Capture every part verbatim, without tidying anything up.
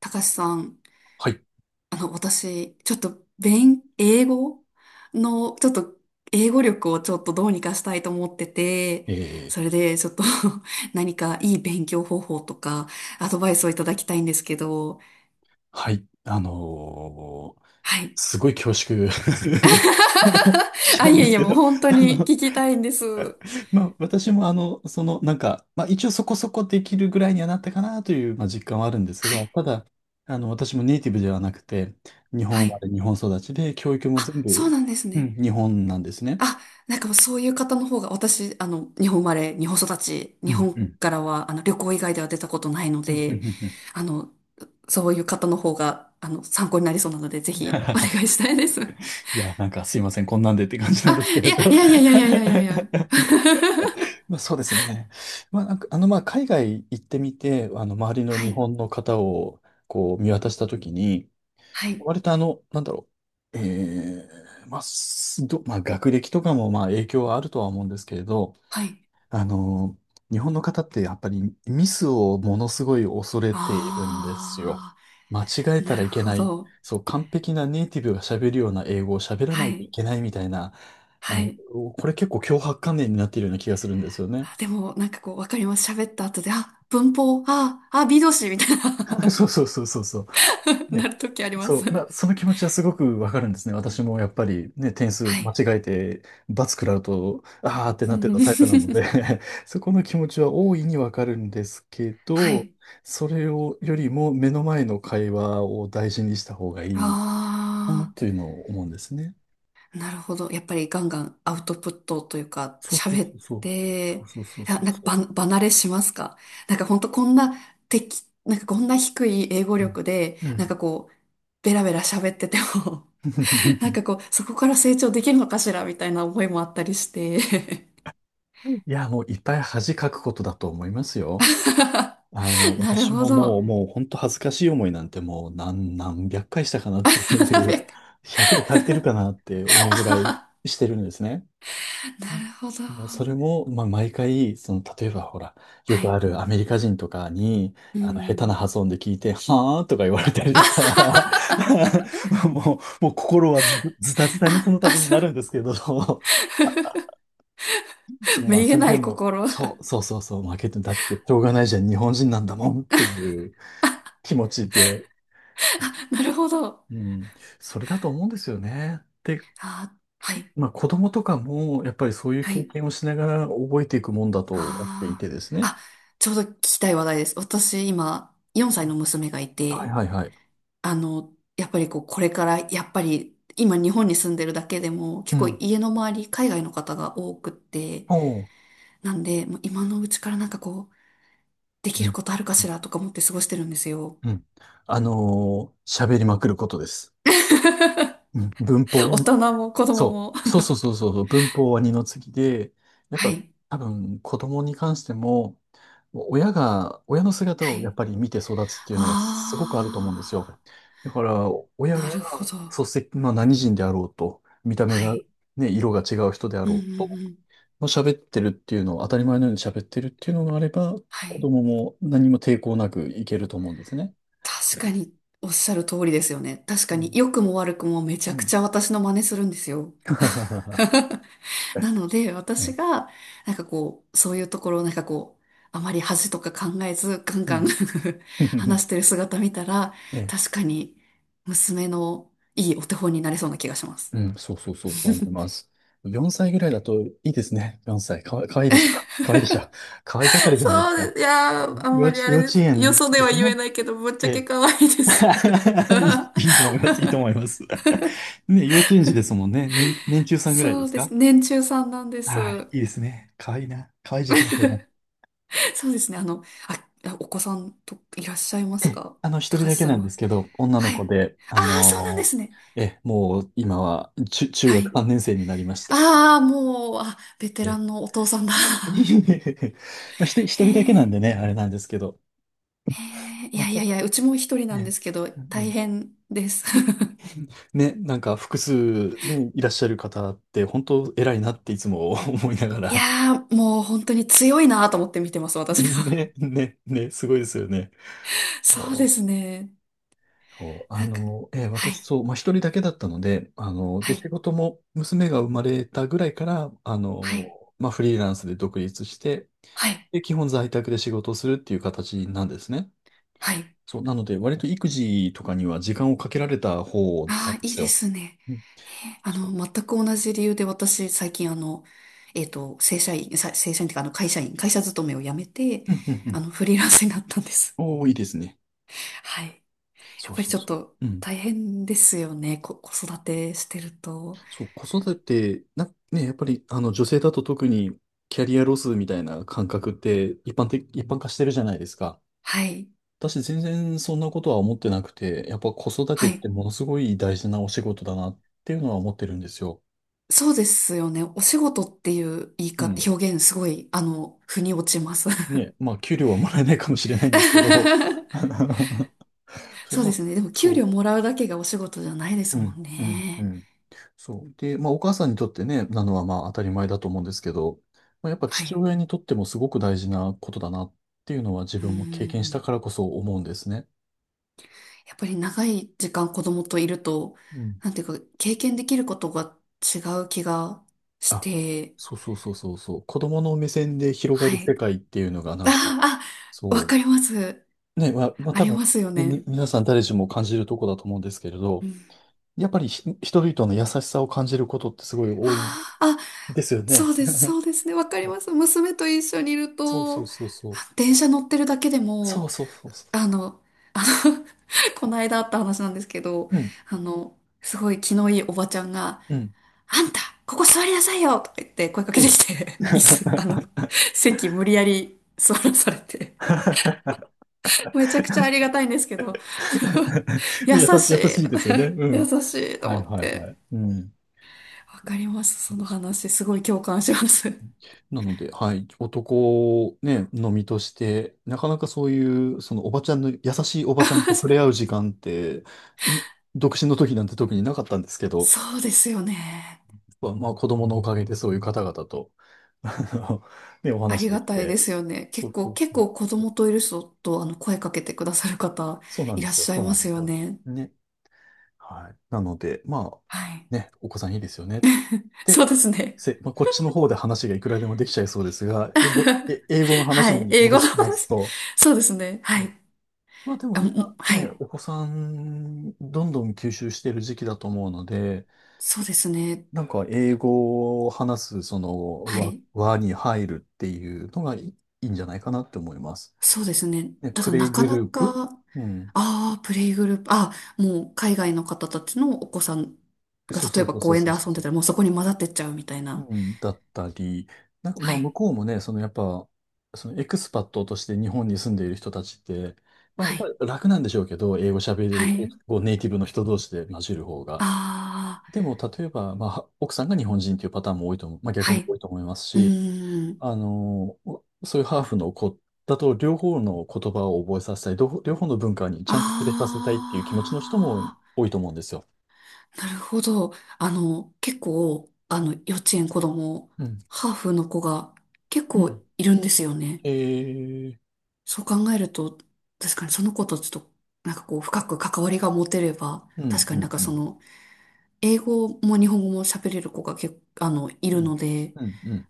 たかしさん、はい。あの、私、ちょっと、勉、英語の、ちょっと、英語力をちょっとどうにかしたいと思ってて、えー、それで、ちょっと 何かいい勉強方法とか、アドバイスをいただきたいんですけど、はい。あのーはい。すごい恐縮 しあ、ない いんやでいすや、けもうど、本 当あにの、聞きたいんです。は まあ、私もあの、その、なんか、まあ、一応そこそこできるぐらいにはなったかなという、まあ、実感はあるんですが、たい。だ、あの、私もネイティブではなくて、日本は生まい。れ、日本育ちで、教育も全あ、そう部、なんですうね。ん、日本なんですね。あ、なんかもうそういう方の方が、私、あの、日本生まれ、日本育ち、う日ん、う本ん。からは、あの、旅行以外では出たことないのうんうんうで、んうん。 あの、そういう方の方が、あの、参考になりそうなので、ぜひ、お願い したいです。いや、なんかすいません、こんなんでって感じなんあ、ですけいれど。 や、いやいやいやいやいやいやい や。まあ、そうですね。まあ、なんか、あの、まあ、海外行ってみて、あの、周りのは日い、本の方を、こう、見渡したときに、はい、割とあの、なんだろう、えー、まあ、すど、まあ、学歴とかも、まあ、影響はあるとは思うんですけれど、はい。あの、日本の方ってやっぱりミスをものすごい恐れているんですよ。あ間違えー、たならるいけほない。ど。そう、完璧なネイティブが喋るような英語を喋らなはいとい、いけないみたいな、あはの、い。これ結構強迫観念になっているような気がするんですよね。あでも、なんかこう、わかります。喋った後で、あ、文法、あ、あ、B 動詞みたい な そうそうそうそうそ う。なね。るときありまそす。う、まあ、その気持ちはすごくわかるんですね。私もやっぱりね、点数は間い。違えて、罰食らうと、あーってなってたタイプなので、 そこの気持ちは大いにわかるんですけはど、い。それをよりも目の前の会話を大事にした方がいいのかあなというのを思うんですね。あ、なるほど。やっぱりガンガンアウトプットというか、そうそう喋そっうそう。そうて、そういや、そうなんかそば、離れしますか。なんか本当こんな敵、なんかこんな低い英語う。うん。力で、うなんん。 かこう、ベラベラ喋ってても、なん かこう、そこから成長できるのかしらみたいな思いもあったりして。いや、もういっぱい恥かくことだと思いますよ。あの、なる私ほももど。う、もう本当恥ずかしい思いなんてもう何、何百回したかなっていなう、るひゃくで足りてるかなって思うぐらいしてるんですね。ほど。もうそれも、まあ、毎回、その、例えばほら、よはくあい。るアメリカ人とかに、うあの、下手なん。発音で聞いて、はーとか言われたりとか、もう、もう心はず、ずたずたにその度になるんですけど、そ の、まあ、めげそれなでいも、心。そう、そうそうそう、負けて、だって、しょうがないじゃん、日本人なんだもんっていう気持ちで、あ、なるほど。うん、それだと思うんですよね。で、あ、はい。まあ子供とかもやっぱりそういうは経い。験をしながら覚えていくもんだと思っていあてですあ。ね。あ、ちょうど聞きたい話題です。私、今、よんさいの娘がいはいて、はいはい。あの、やっぱりこう、これから、やっぱり、今、日本に住んでるだけでも、結う構ん。家の周り、海外の方が多くって、おう。なんで、もう今のうちからなんかこう、できうるん。ことあるかしらとか思って過ごしてるんですよ。うん。あのー喋りまくることです。うん。文大法。人も子供そも。う、そうそうそうそうそう、文法は二の次で、やっはぱい。多分子供に関しても、親が、親の姿はをやっい。ぱり見て育つっていうのはすごくあると思うんですああ、よ。だから、親なが、るほど。そして、まあ何人であろうと、見た目はが、い。ね、色が違う人であうんうろうと、んまあ、喋ってるっていうのを、当たり前のように喋ってるっていうのがあれば、は子い。供も何も抵抗なくいけると思うんですね。確かにおっしゃる通りですよね。確うかにん。良くも悪くもめちうゃくん。ちゃ私の真似するんですよ。なので私ええがなんかこう、そういうところをなんかこう、あまり恥とか考えずガンうガン ん。話し てる姿見たら、ええ確かに娘のいいお手本になれそうな気がします。うん、そうそうそう、そう思います。よんさいぐらいだといいですね。よんさい。かわ、かわいいでしょ。かわいいでしょ。かわい盛り じゃないでそすうでか。す。いやー、あん幼まり稚、あ幼れで稚す。よ園そでではす言えね。ないけど、ぶっちえゃけえ。可愛いです。いいいいと思います。いいと思います。ね、幼稚園児ですもんね。ね、年中さんぐらいそでうすでか？す。年中さんなんです。はい、いいですね。かわいいな。かわいい時期ですよね。そうですね。あの、あ、あお子さんといらっしゃいま えすえ、か、あの、一高人橋だけさなんんでは。すけど、女はのい。子で、あああ、そうなんでのすね。ーええ、もう今は中、中は学い。さんねん生になりました。ああ、もう、あ、ベテえラえ。 ンのお父さんだ。いえい えいえ。まあ、ひと一へ人だけなえ、んでね、あれなんですけど。へえ、いまあ、やいたやいだ、や、うちも一人なんでね、すけど、うんう大ん。変です。ね、なんか複数、ね、いらっしゃる方って本当偉いなっていつも、 思いながいら。やー、もう本当に強いなと思って見てます、私は。ね、ね、ね、すごいですよね。そうでそうすね。そうあなんか、の、えーは私、い、そう、まあ、一人だけだったので、あの、はで、仕い、事も娘が生まれたぐらいから、あはい、の、まあ、フリーランスで独立して、はい、で、基本在宅で仕事をするっていう形なんですね。はい。そう、なので、割と育児とかには時間をかけられた方なんあであ、いいすでよ。すね。うん、えーあその、う。全く同じ理由で私、最近あの、えっと、正社員、さ正社員っていうか、あの、会社員、会社勤めを辞めて、うん、うん、うあん。の、フリーランスになったんです。おー、いいですね。はい。やそっうぱりそちうょっそう。とうん。大変ですよね。こ、子育てしてると。そう、子育て、な、ね、やっぱり、あの、女性だと特にキャリアロスみたいな感覚って一般的、一般化してるじゃないですか。はい。私、全然そんなことは思ってなくて、やっぱ子育てはっい。てものすごい大事なお仕事だなっていうのは思ってるんですよ。そうですよね。お仕事っていう言いう方、ん。表現すごい、あの、腑に落ちます。ね、まあ、給料はもらえないかもしれないんですけど、そそう、うまであ、すね。でも、給そ料う。もらうだけがお仕事じゃないでうすもんん、うん、うね。ん。そう。で、まあ、お母さんにとってね、なのはまあ当たり前だと思うんですけど、まあ、やっぱは父い。親にとってもすごく大事なことだなっていうのは自うー分も経験したん。からこそ思うんですね。やっぱり長い時間子供といると、うん。なんていうか、経験できることが違う気がしあ、て、そうそうそうそうそう。子供の目線で広がはる世い。界っていうのがなんか、ああ、わそかります。う。ね、まあ、まあ、あ多り分、ますよねみ、ね。皆さん誰しも感じるとこだと思うんですけれうど、ん。やっぱりひ人々の優しさを感じることってすごい多いんああ、あですよそね。うです、そ うですね。わかります。娘と一緒にいるそうそと、うあそうそう。電車乗ってるだけでそも、うそうそうそあう。の、この間あった話なんですけど、うん、あの、すごい気のいいおばちゃんが、うん。あんた、ここ座りなさいよとか言って声かけうてきん。て、椅子、あの、席無理やり座らされて、めちゃくちゃありがたいんですけど、優優し、しい、優しいですよね。う優ん。しいとは思いっはいはて。い。うん。わかります、いいそのですよ。話。すごい共感します。なので、はい、男ね、のみとして、なかなかそういう、そのおばちゃんの、優しいおばちゃんと 触れ合う時間って、い独身の時なんて特になかったんですけど、そうですよね。まあ、まあ子供のおかげでそういう方々と、あのね、おあ話りでがきたいでて、すよね。そ結うそ構、う結そう構子そ供う。といる人と、あの、声かけてくださる方、そうなんいでらっすしよ、ゃいそうなまんですすよよ。ね。ね。はい。なので、まあ、はい。ね、お子さんいいですよね。で、そうですね。せ、まあ、こっちの方で話がいくらでもできちゃいそうですが、英語、え、英語のは話い。に英戻語のします話。と、そうですね。はい。まあでもあ、も今はね、い。お子さん、どんどん吸収してる時期だと思うので、そうですね。なんか英語を話す、その、は輪、い。輪に入るっていうのがいいいいんじゃないかなって思います。そうですね。ね、たプだレイなかグなループ。か、うん。ああ、プレイグループ、ああ、もう海外の方たちのお子さんがそう例そえうばそうそ公う園そでう遊んでそたう。らもうそこに混ざってっちゃうみたいな。うん、だったり、なんかまはあい。向こうもね、そのやっぱ、そのエクスパットとして日本に住んでいる人たちって、まあやはっぱい。り楽なんでしょうけど、英語喋れはる、英い。語ネイティブの人同士で混じる方が。ああ、でも例えば、まあ奥さんが日本人っていうパターンも多いと思う、まあ逆はもい。多いと思いますうし、ーん。あの、そういうハーフの子だと両方の言葉を覚えさせたい、両方両方の文化にちゃんと触れさせたいっていう気持ちの人もああ、多いと思うんですよ。なるほど。あの、結構、あの、幼稚園子供、うん。ハーフの子が結う構ん。いるんですよね。えー、そう考えると、確かにその子とちょっと、なんかこう、深く関わりが持てれば、う確ん、かうになんん、かうそん。の、英語も日本語も喋れる子が結構、あの、いうるんので、うんうん。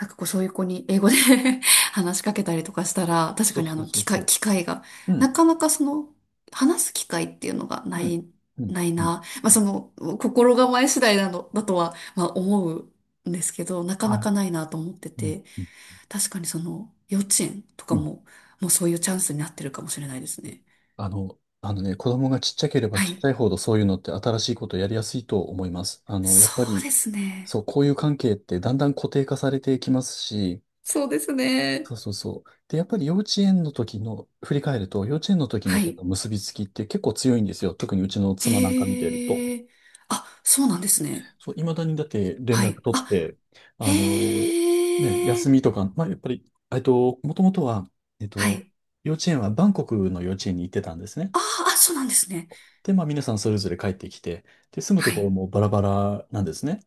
なんかこう、そういう子に英語で 話しかけたりとかしたら、確そかうにあそうの、そう機会、そ機会が、う。うなん。かなかその、話す機会っていうのがなうん。い、うん。ないうん。な。まあその、心構え次第なの、だとは、まあ思うんですけど、なかなはい。かないなと思ってうんて。うん確かにその幼稚園とかうん。も、もうそういうチャンスになってるかもしれないですね。あの、あのね、子供がちっちゃければはちっちい。ゃいほどそういうのって新しいことをやりやすいと思います。あの、やそっぱうり、ですね。そう、こういう関係ってだんだん固定化されていきますし、そうですそうね。そうそう。で、やっぱり幼稚園の時の、振り返ると、幼稚園の時のはそい。の結びつきって結構強いんですよ。特にうちの妻なんか見てると。へえ。あ、そうなんですね。そう、いまだにだって連は絡い。取っあ、て、あのね、へえ。休みとか、まあ、やっぱり、えっと、もともとは、えっはと、い。幼稚園はバンコクの幼稚園に行ってたんですね。ああ、そうなんですね。で、まあ、皆さんそれぞれ帰ってきて、で、住むはところい。もバラバラなんですね。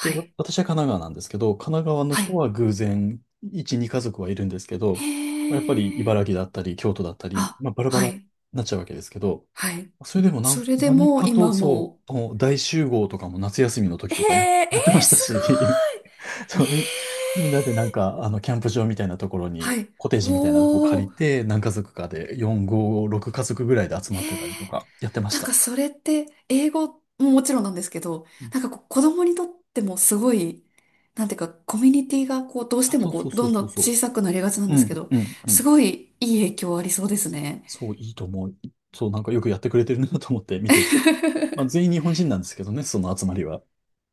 で、わい。私は神奈川なんですけど、神奈川のは人い。は偶然、いち、に家族はいるんですけへど、まあやっぱりえ。茨城だったり、京都だったり、あ、まあ、バラバはラにい。なっちゃうわけですけど、はい。それでもなそん、れで何もうかと、今そもう、もう大集合とかも夏休みのう。時へとかや、え、え やってまー、したすし、ごい。そへう、み、みんなでなんえ。か、あの、キャンプ場みたいなところはに、い。コテージみたいなとこ借おりー。て、何家族かで、よん、ご、ろく家族ぐらいで集まへってたえ、りとか、やってましなんかた。それって英語ももちろんなんですけど、うん。なんかこう子供にとってもすごい、なんていうかコミュニティがこうどうしあ、てそもうこそううそどうんどそんうそ小さくなりがちなんう。うですけん、ど、うん、うすん。ごいいい影響ありそうですね。そう、いいと思う。そう、なんかよくやってくれてるなと思って見て。まあ、全 員日本人なんですけどね、その集まりは。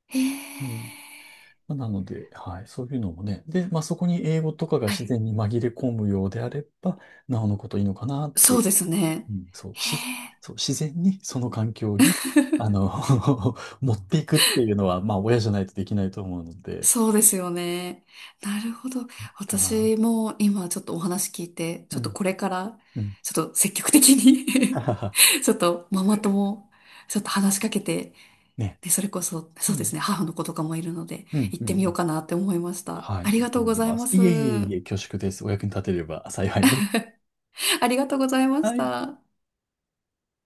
へえ、うん。まあなので、はい、そういうのもね。で、まあ、そこに英語とかがは自い、然に紛れ込むようであれば、なおのこといいのかなってそいうう、ですね。うん、そへう、し、え、そう、自然にその環境に、あの 持っていくっていうのは、まあ、親じゃないとできないと思うので、そうですよね。なるほど。いいかな。私も今ちょっとお話聞いて、ちうょっとん、これからうん。ちょっと積極的 はにはは。ちょっとママ友、ちょっと話しかけて、ね。で、それこそ、うそうですん、ね、母の子とかもいるので、うん、行うっん。うてみようん。かなって思いました。はい、あいりいがととうご思いざいまます。す。いえいえいえ、恐縮です。お役に立てれば幸いです。ありがとうございましはい。た。